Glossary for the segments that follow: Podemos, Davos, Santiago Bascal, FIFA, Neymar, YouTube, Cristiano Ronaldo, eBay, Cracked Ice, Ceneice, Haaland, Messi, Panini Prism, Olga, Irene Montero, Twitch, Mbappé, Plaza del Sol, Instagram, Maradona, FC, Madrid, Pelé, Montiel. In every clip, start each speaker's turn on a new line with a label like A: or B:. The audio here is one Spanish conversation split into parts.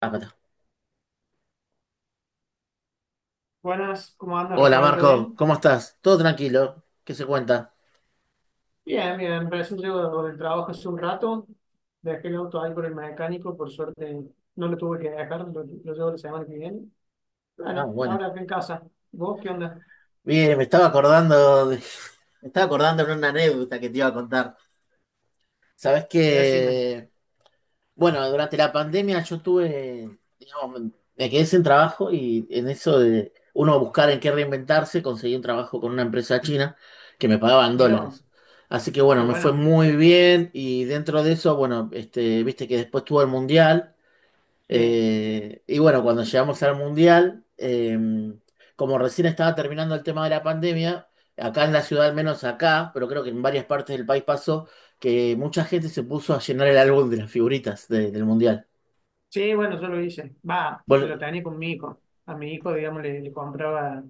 A: Acá está.
B: Buenas, ¿cómo anda
A: Hola
B: Rafael? ¿Todo
A: Marco,
B: bien?
A: ¿cómo estás? ¿Todo tranquilo? ¿Qué se cuenta?
B: Bien, bien, recién llego del trabajo hace un rato, dejé el auto ahí por el mecánico, por suerte no lo tuve que dejar, lo llevo la semana que viene.
A: Ah,
B: Bueno,
A: bueno.
B: ahora acá en casa. ¿Vos qué onda?
A: Bien, me estaba acordando de... me estaba acordando de una anécdota que te iba a contar. Sabes
B: Decime.
A: que, bueno, durante la pandemia yo tuve, digamos, me quedé sin trabajo y en eso de uno buscar en qué reinventarse, conseguí un trabajo con una empresa china que me pagaban
B: Mira, vos,
A: dólares. Así que
B: qué
A: bueno, me fue
B: bueno.
A: muy bien y dentro de eso, bueno, viste que después tuvo el Mundial.
B: Sí,
A: Y bueno, cuando llegamos al Mundial, como recién estaba terminando el tema de la pandemia, acá en la ciudad, al menos acá, pero creo que en varias partes del país pasó, que mucha gente se puso a llenar el álbum de las figuritas del Mundial.
B: sí, bueno, yo lo hice. Va,
A: Bueno,
B: lo tenía con mi hijo. A mi hijo, digamos, le compraba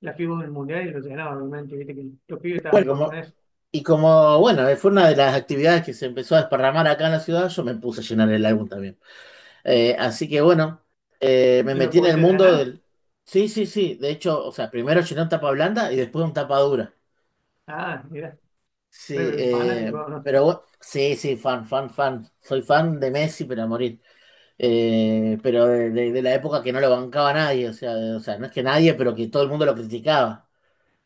B: la fibra del mundial y lo llenaba, obviamente, viste que los pibes
A: bueno,
B: estaban todos con eso.
A: y como, bueno, fue una de las actividades que se empezó a desparramar acá en la ciudad, yo me puse a llenar el álbum también. Así que bueno, me
B: ¿Lo
A: metí en el
B: pudiste
A: mundo
B: llenar?
A: del... Sí, sí, sí, de hecho, o sea, primero llené un tapa blanda y después un tapa dura.
B: Ah, mira,
A: Sí,
B: re fanático, ¿no?
A: pero sí, sí, fan, fan, fan. Soy fan de Messi, pero a morir. Pero de, de la época que no lo bancaba nadie, o sea, o sea, no es que nadie, pero que todo el mundo lo criticaba.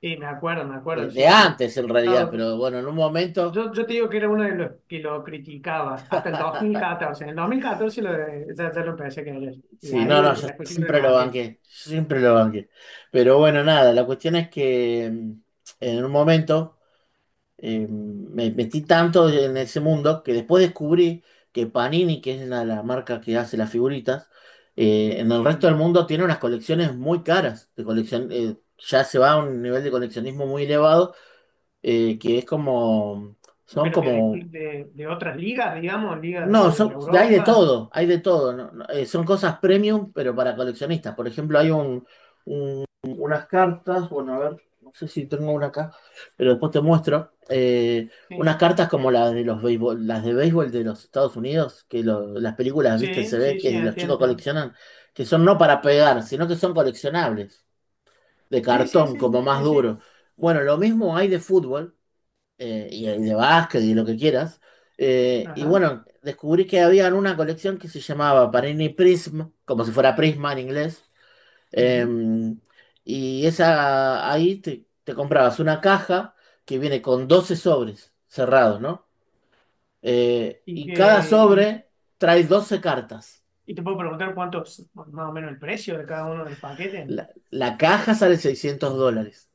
B: Sí, me
A: De,
B: acuerdo,
A: de
B: sí, sí.
A: antes, en realidad,
B: No,
A: pero bueno, en un momento,
B: yo te digo que era uno de los que lo criticaba hasta el 2014. En el 2014 ya lo empecé a querer. Y
A: sí,
B: ahí
A: no, no, yo
B: después siempre lo
A: siempre lo
B: banqué.
A: banqué, siempre lo banqué. Pero bueno, nada, la cuestión es que en un momento. Me metí tanto en ese mundo que después descubrí que Panini, que es la marca que hace las figuritas, en el resto
B: Sí.
A: del mundo tiene unas colecciones muy caras, de colección, ya se va a un nivel de coleccionismo muy elevado, que es como, son
B: Pero que de,
A: como,
B: de, de otras ligas, digamos, ligas
A: no,
B: de
A: son-
B: Europa.
A: hay de todo, no- no, son cosas premium, pero para coleccionistas. Por ejemplo, hay un unas cartas, bueno, a ver, no sé si tengo una acá, pero después te muestro. Unas
B: Sí,
A: cartas como las de los béisbol, las de béisbol de los Estados Unidos, que las películas, viste,
B: sí,
A: se ve
B: sí,
A: que
B: sí,
A: los chicos
B: entiendo.
A: coleccionan, que son no para pegar, sino que son coleccionables, de
B: Sí, sí,
A: cartón, como
B: sí,
A: más
B: sí,
A: duro.
B: sí.
A: Bueno, lo mismo hay de fútbol, y hay de básquet y lo que quieras. Y
B: Ajá.
A: bueno, descubrí que había una colección que se llamaba Panini Prism, como si fuera Prisma en inglés.
B: Ujú.
A: Em, y esa, ahí te comprabas una caja que viene con 12 sobres cerrados, ¿no?
B: Y
A: Y cada sobre trae 12 cartas.
B: te puedo preguntar cuántos, más o menos el precio de cada uno de los paquetes.
A: La caja sale $600.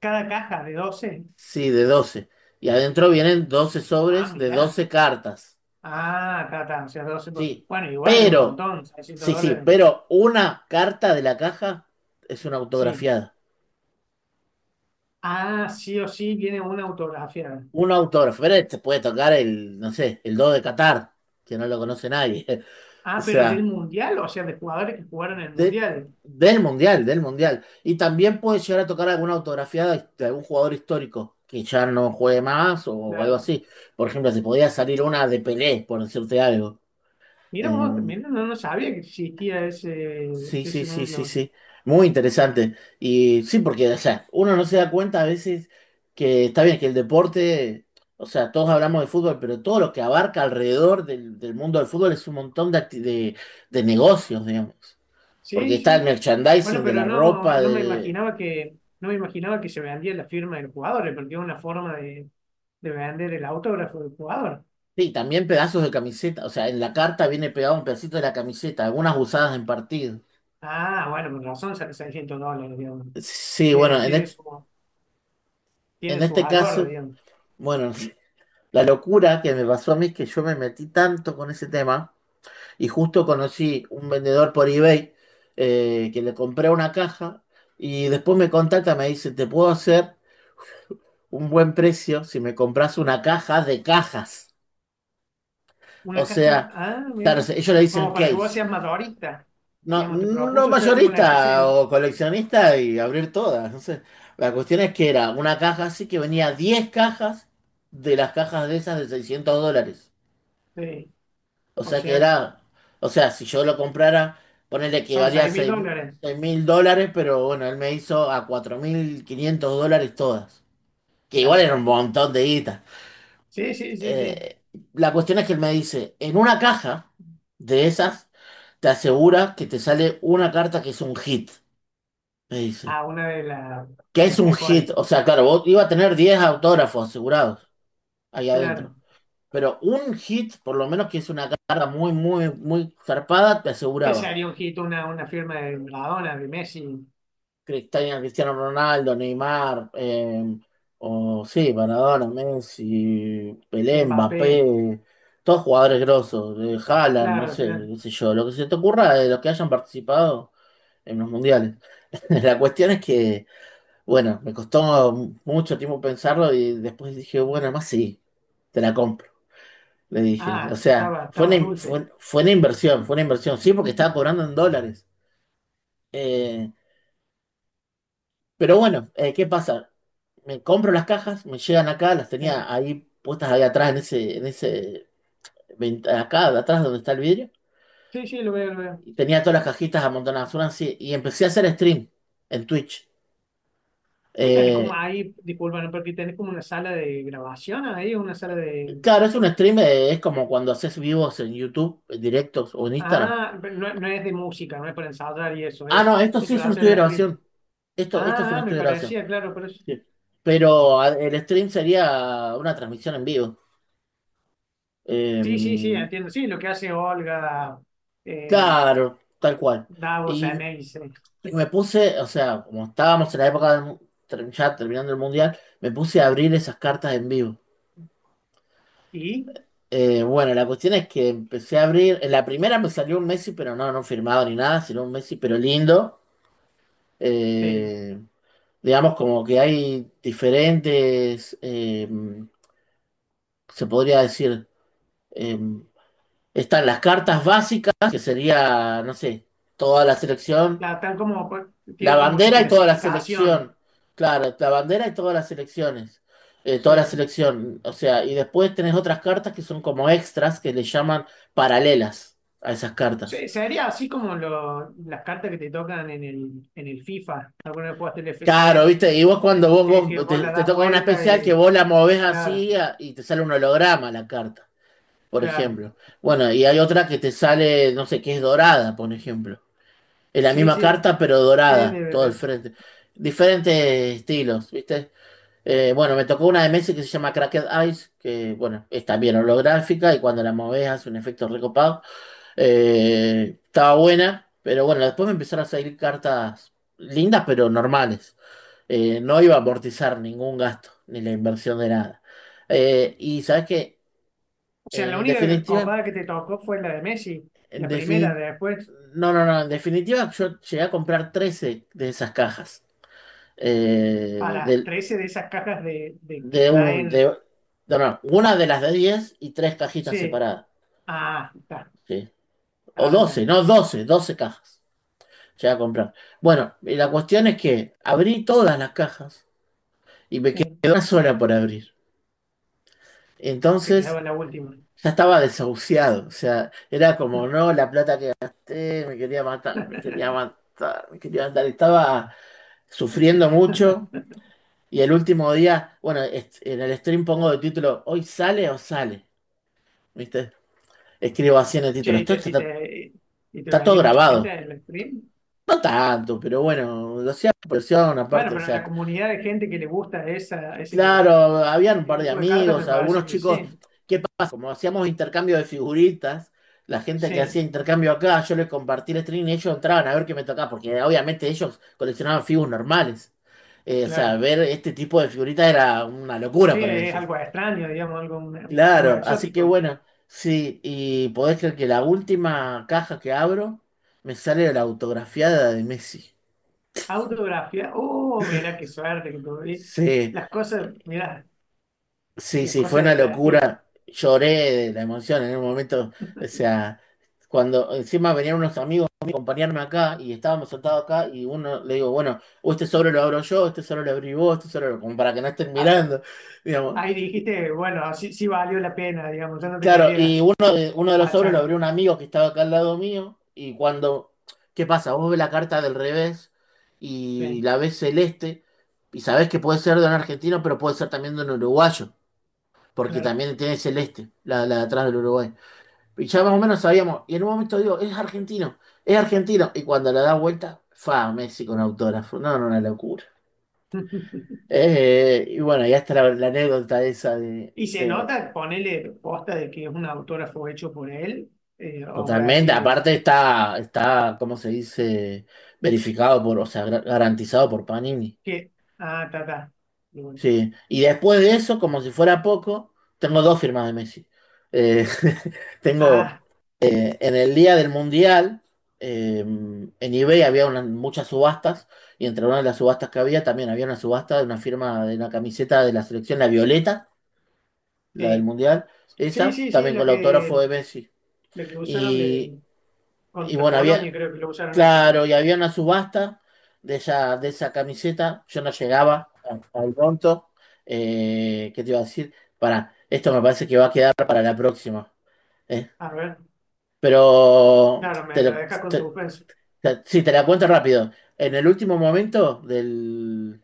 B: Cada caja de doce.
A: Sí, de 12. Y adentro vienen 12
B: Ah,
A: sobres de
B: mirá.
A: 12 cartas.
B: Ah, está, está, o sea, 12,
A: Sí,
B: bueno, igual, un
A: pero,
B: montón, 600
A: sí, sí,
B: dólares.
A: pero una carta de la caja es una
B: Sí.
A: autografiada.
B: Ah, sí o sí viene una autografiada.
A: Un autógrafo, pero te puede tocar el, no sé, el do de Qatar, que no lo conoce nadie. O
B: Ah, pero del
A: sea,
B: mundial, o sea, de jugadores que jugaron el
A: de,
B: mundial.
A: del Mundial, del Mundial. Y también puede llegar a tocar alguna autografía de, algún jugador histórico que ya no juegue más o algo
B: Claro.
A: así. Por ejemplo, se podía salir una de Pelé, por decirte algo.
B: Mira
A: Eh,
B: vos, mira, no, no sabía que existía ese,
A: sí, sí,
B: ese
A: sí, sí,
B: mundo.
A: sí. Muy interesante. Y sí, porque, o sea, uno no se da cuenta a veces que está bien que el deporte, o sea, todos hablamos de fútbol, pero todo lo que abarca alrededor del mundo del fútbol es un montón de, de negocios, digamos. Porque
B: Sí,
A: está el
B: sí. Bueno,
A: merchandising de
B: pero
A: la
B: no,
A: ropa,
B: no me
A: de...
B: imaginaba que, no me imaginaba que se vendía la firma del jugador, porque es una forma de vender el autógrafo del jugador.
A: Sí, también pedazos de camiseta. O sea, en la carta viene pegado un pedacito de la camiseta, algunas usadas en partido.
B: Ah, bueno, con razón sale 600 dólares, digamos.
A: Sí,
B: Tiene,
A: bueno,
B: tiene su, tiene
A: en
B: su
A: este
B: valor,
A: caso,
B: digamos.
A: bueno, la locura que me pasó a mí es que yo me metí tanto con ese tema y justo conocí un vendedor por eBay, que le compré una caja y después me contacta, me dice, te puedo hacer un buen precio si me compras una caja de cajas.
B: Una
A: O
B: caja,
A: sea,
B: ah,
A: claro,
B: mira,
A: ellos le dicen
B: como para que vos
A: case.
B: seas madurista,
A: No,
B: digamos, te
A: no
B: propuso ser como una especie
A: mayorista o coleccionista y abrir todas. No sé. La cuestión es que era una caja así que venía 10 cajas de las cajas de esas de $600.
B: de, sí,
A: O
B: o
A: sea que
B: sea,
A: era, o sea, si yo lo comprara, ponele que
B: son
A: valía
B: seis mil
A: seis
B: dólares,
A: mil dólares, pero bueno, él me hizo a $4.500 todas. Que igual
B: claro.
A: era un montón de guita.
B: Sí, sí, sí, sí.
A: Eh, la cuestión es que él me dice, en una caja de esas, te asegura que te sale una carta que es un hit, me dice.
B: Ah, una de,
A: Que
B: de
A: es
B: las
A: un
B: mejores,
A: hit. O sea, claro, vos iba a tener 10 autógrafos asegurados ahí adentro.
B: claro.
A: Pero un hit, por lo menos que es una carga muy, muy, muy zarpada, te
B: ¿Qué
A: aseguraba.
B: sería un hit? Una firma de Maradona, de Messi,
A: Cristiano Ronaldo, Neymar, o sí, Maradona, Messi, Pelé,
B: Mbappé,
A: Mbappé, todos jugadores grosos, Haaland, no
B: claro, o
A: sé,
B: sea,
A: qué sé yo, lo que se te ocurra de los que hayan participado en los mundiales. La cuestión es que bueno, me costó mucho tiempo pensarlo y después dije, bueno, más sí, te la compro. Le dije, o
B: ah,
A: sea,
B: estaba,
A: fue una,
B: estaba
A: in-
B: dulce.
A: fue, fue una inversión, fue una inversión, sí, porque estaba cobrando en dólares. Eh, pero bueno, ¿qué pasa? Me compro las cajas, me llegan acá, las
B: Sí,
A: tenía ahí puestas ahí atrás, acá, de atrás donde está el vidrio.
B: sí, sí, lo veo, lo veo.
A: Y tenía todas las cajitas amontonadas, una así, y empecé a hacer stream en Twitch.
B: ¿Qué tenés como
A: Eh,
B: ahí, disculpa, ¿no? Porque tenés como una sala de grabación ahí, una sala de.
A: Claro, es un stream, es como cuando haces vivos en YouTube, en directos o en Instagram.
B: Ah, pero no, no es de música, no es para ensayar y eso,
A: Ah,
B: es,
A: no, esto
B: es
A: sí es
B: para
A: un estudio de
B: hacer stream.
A: grabación. Esto es
B: Ah,
A: un
B: ah, me
A: estudio de grabación.
B: parecía, claro, pero
A: Sí. Pero el stream sería una transmisión en vivo.
B: sí, sí, sí,
A: Em,
B: entiendo. Sí, lo que hace Olga, eh,
A: claro, tal cual.
B: Davos,
A: Y,
B: Ceneice.
A: y me puse, o sea, como estábamos en la época ya terminando el Mundial, me puse a abrir esas cartas en vivo.
B: Y,
A: Bueno, la cuestión es que empecé a abrir, en la primera me salió un Messi, pero no, no firmado ni nada, sino un Messi, pero lindo.
B: sí,
A: Eh, digamos, como que hay diferentes, se podría decir, eh, están las cartas básicas, que sería, no sé, toda la selección,
B: claro, están como,
A: la
B: tienen como su
A: bandera y toda la
B: clasificación.
A: selección, claro, la bandera y todas las selecciones, toda la
B: Sí.
A: selección, o sea, y después tenés otras cartas que son como extras, que le llaman paralelas a esas cartas.
B: Sería así como las cartas que te tocan en el FIFA. Alguna vez jugaste el
A: Claro,
B: FC,
A: viste, y vos cuando vos,
B: que
A: vos
B: vos
A: te,
B: la
A: te
B: das
A: toca una
B: vuelta
A: especial que
B: y,
A: vos la movés
B: claro,
A: así y te sale un holograma la carta, por
B: claro.
A: ejemplo. Bueno, y hay otra que te sale, no sé, que es dorada, por ejemplo. Es la
B: Sí,
A: misma
B: sí,
A: carta, pero
B: es
A: dorada, todo el
B: de.
A: frente. Diferentes estilos, viste. Bueno, me tocó una de Messi que se llama Cracked Ice, que bueno, es también holográfica y cuando la movés hace un efecto recopado. Estaba buena, pero bueno, después me empezaron a salir cartas lindas, pero normales. No iba a amortizar ningún gasto, ni la inversión de nada. Y sabes que,
B: O sea, la
A: en
B: única
A: definitiva,
B: copada que te tocó fue la de Messi,
A: en
B: la primera,
A: defini-
B: de después
A: no, no, no, en definitiva, yo llegué a comprar 13 de esas cajas. Eh,
B: para
A: del-
B: 13 de esas cajas de que
A: de, un,
B: traen.
A: de, no, no, una de las de 10 y tres cajitas
B: Sí,
A: separadas.
B: ah, está,
A: ¿Sí? O
B: ahora
A: 12
B: entendí.
A: no, doce cajas. Llegué a comprar. Bueno, y la cuestión es que abrí todas las cajas y me quedó
B: Sí,
A: una sola por abrir.
B: te
A: Entonces,
B: quedaba la última.
A: ya estaba desahuciado, o sea, era como, no, la plata que gasté, me quería matar, me quería matar, me quería matar. Estaba sufriendo mucho y el último día, bueno, en el stream pongo de título, ¿hoy sale o sale? ¿Viste? Escribo así en el título,
B: Che, y
A: esto
B: te, y
A: está,
B: te, y te
A: está todo
B: veía mucha gente
A: grabado.
B: en el stream.
A: No tanto, pero bueno, lo hacía por presión
B: Bueno,
A: aparte, o
B: pero en la
A: sea,
B: comunidad de gente que le gusta esa, ese,
A: claro, habían un
B: ese
A: par de
B: tipo de carta
A: amigos,
B: me parece
A: algunos
B: que
A: chicos,
B: sí,
A: ¿qué pasa? Como hacíamos intercambio de figuritas, la gente que hacía
B: sí,
A: intercambio acá, yo les compartí el stream y ellos entraban a ver qué me tocaba, porque obviamente ellos coleccionaban figuras normales. O sea,
B: claro.
A: ver este tipo de figuritas era una locura
B: Sí,
A: para
B: es
A: ellos.
B: algo extraño, digamos, algo
A: Claro, así que
B: exótico.
A: bueno, sí, y podés creer que la última caja que abro me sale la autografiada de Messi.
B: Autografía. Oh, mira qué suerte que tuve.
A: Sí,
B: Las cosas, mira,
A: sí,
B: las
A: sí, fue
B: cosas
A: una
B: del destino.
A: locura. Lloré de la emoción en un momento. O sea, cuando encima venían unos amigos a acompañarme acá y estábamos sentados acá y uno le digo, bueno, o este sobre lo abro yo, este sobre lo abrí vos, este sobre lo... como para que no estén
B: Ah,
A: mirando, digamos.
B: ahí dijiste, bueno, sí, sí valió la pena, digamos, ya no te
A: Claro, y
B: querías
A: uno de los sobres lo
B: achar.
A: abrió un amigo que estaba acá al lado mío y cuando, ¿qué pasa? Vos ves la carta del revés y
B: Sí,
A: la ves celeste y sabés que puede ser de un argentino, pero puede ser también de un uruguayo. Porque
B: claro.
A: también tiene celeste, la de atrás del Uruguay. Y ya más o menos sabíamos, y en un momento digo, es argentino, y cuando la da vuelta, fa, Messi con autógrafo, no, no, una locura. Y bueno, ya está la anécdota esa
B: Y se nota, ponele posta de que es un autógrafo hecho por él, o vos
A: Totalmente,
B: decís
A: aparte está, ¿cómo se dice? Verificado por, o sea, garantizado por Panini.
B: que, ah, ta, ta. Y bueno,
A: Sí, y después de eso, como si fuera poco, tengo dos firmas de Messi. Eh, tengo
B: ah,
A: en el día del Mundial, en eBay había muchas subastas, y entre una de las subastas que había también había una subasta de una firma de una camiseta de la selección, la Violeta, la del
B: sí,
A: Mundial,
B: sí,
A: esa,
B: sí, sí,
A: también con el autógrafo de Messi.
B: lo que usaron
A: Y,
B: de,
A: y
B: contra
A: bueno,
B: Polonia,
A: había.
B: creo que lo usaron esa, ¿no?
A: Claro, y había una subasta de esa camiseta. Yo no llegaba al pronto. ¿Qué te iba a decir? Esto me parece que va a quedar para la próxima. eh.
B: A ver,
A: Pero
B: claro, me
A: te,
B: lo
A: lo-
B: deja con
A: te-
B: suspenso.
A: te- sí, te la cuento rápido. En el último momento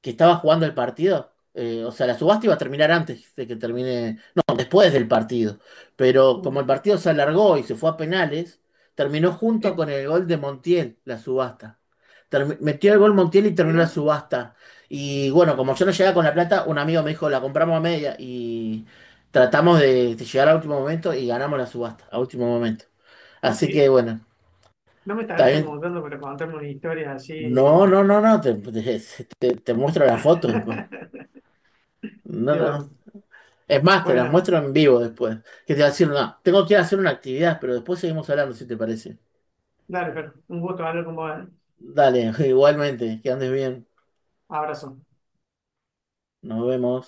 A: que estaba jugando el partido. O sea, la subasta iba a terminar antes de que termine, no, después del partido. Pero como
B: Mm.
A: el partido se alargó y se fue a penales, terminó junto
B: Eh,
A: con el gol de Montiel, la subasta. Metió el gol Montiel y terminó la
B: mira,
A: subasta. Y bueno, como yo no llegaba con la plata, un amigo me dijo, la compramos a media y tratamos de llegar a último momento y ganamos la subasta, a último momento. Así
B: y
A: que bueno,
B: no me estarás
A: también...
B: chamuzando para contarme una historia así
A: No, no, no, no, te muestro la foto después. No,
B: de
A: no, no.
B: oro.
A: Es más, te las
B: Bueno,
A: muestro en vivo después. Que te voy a decir una. Tengo que ir a hacer una actividad, pero después seguimos hablando, si te parece.
B: dale, pero un gusto hablar con vos. ¿Eh?
A: Dale, igualmente, que andes bien.
B: Abrazo.
A: Nos vemos.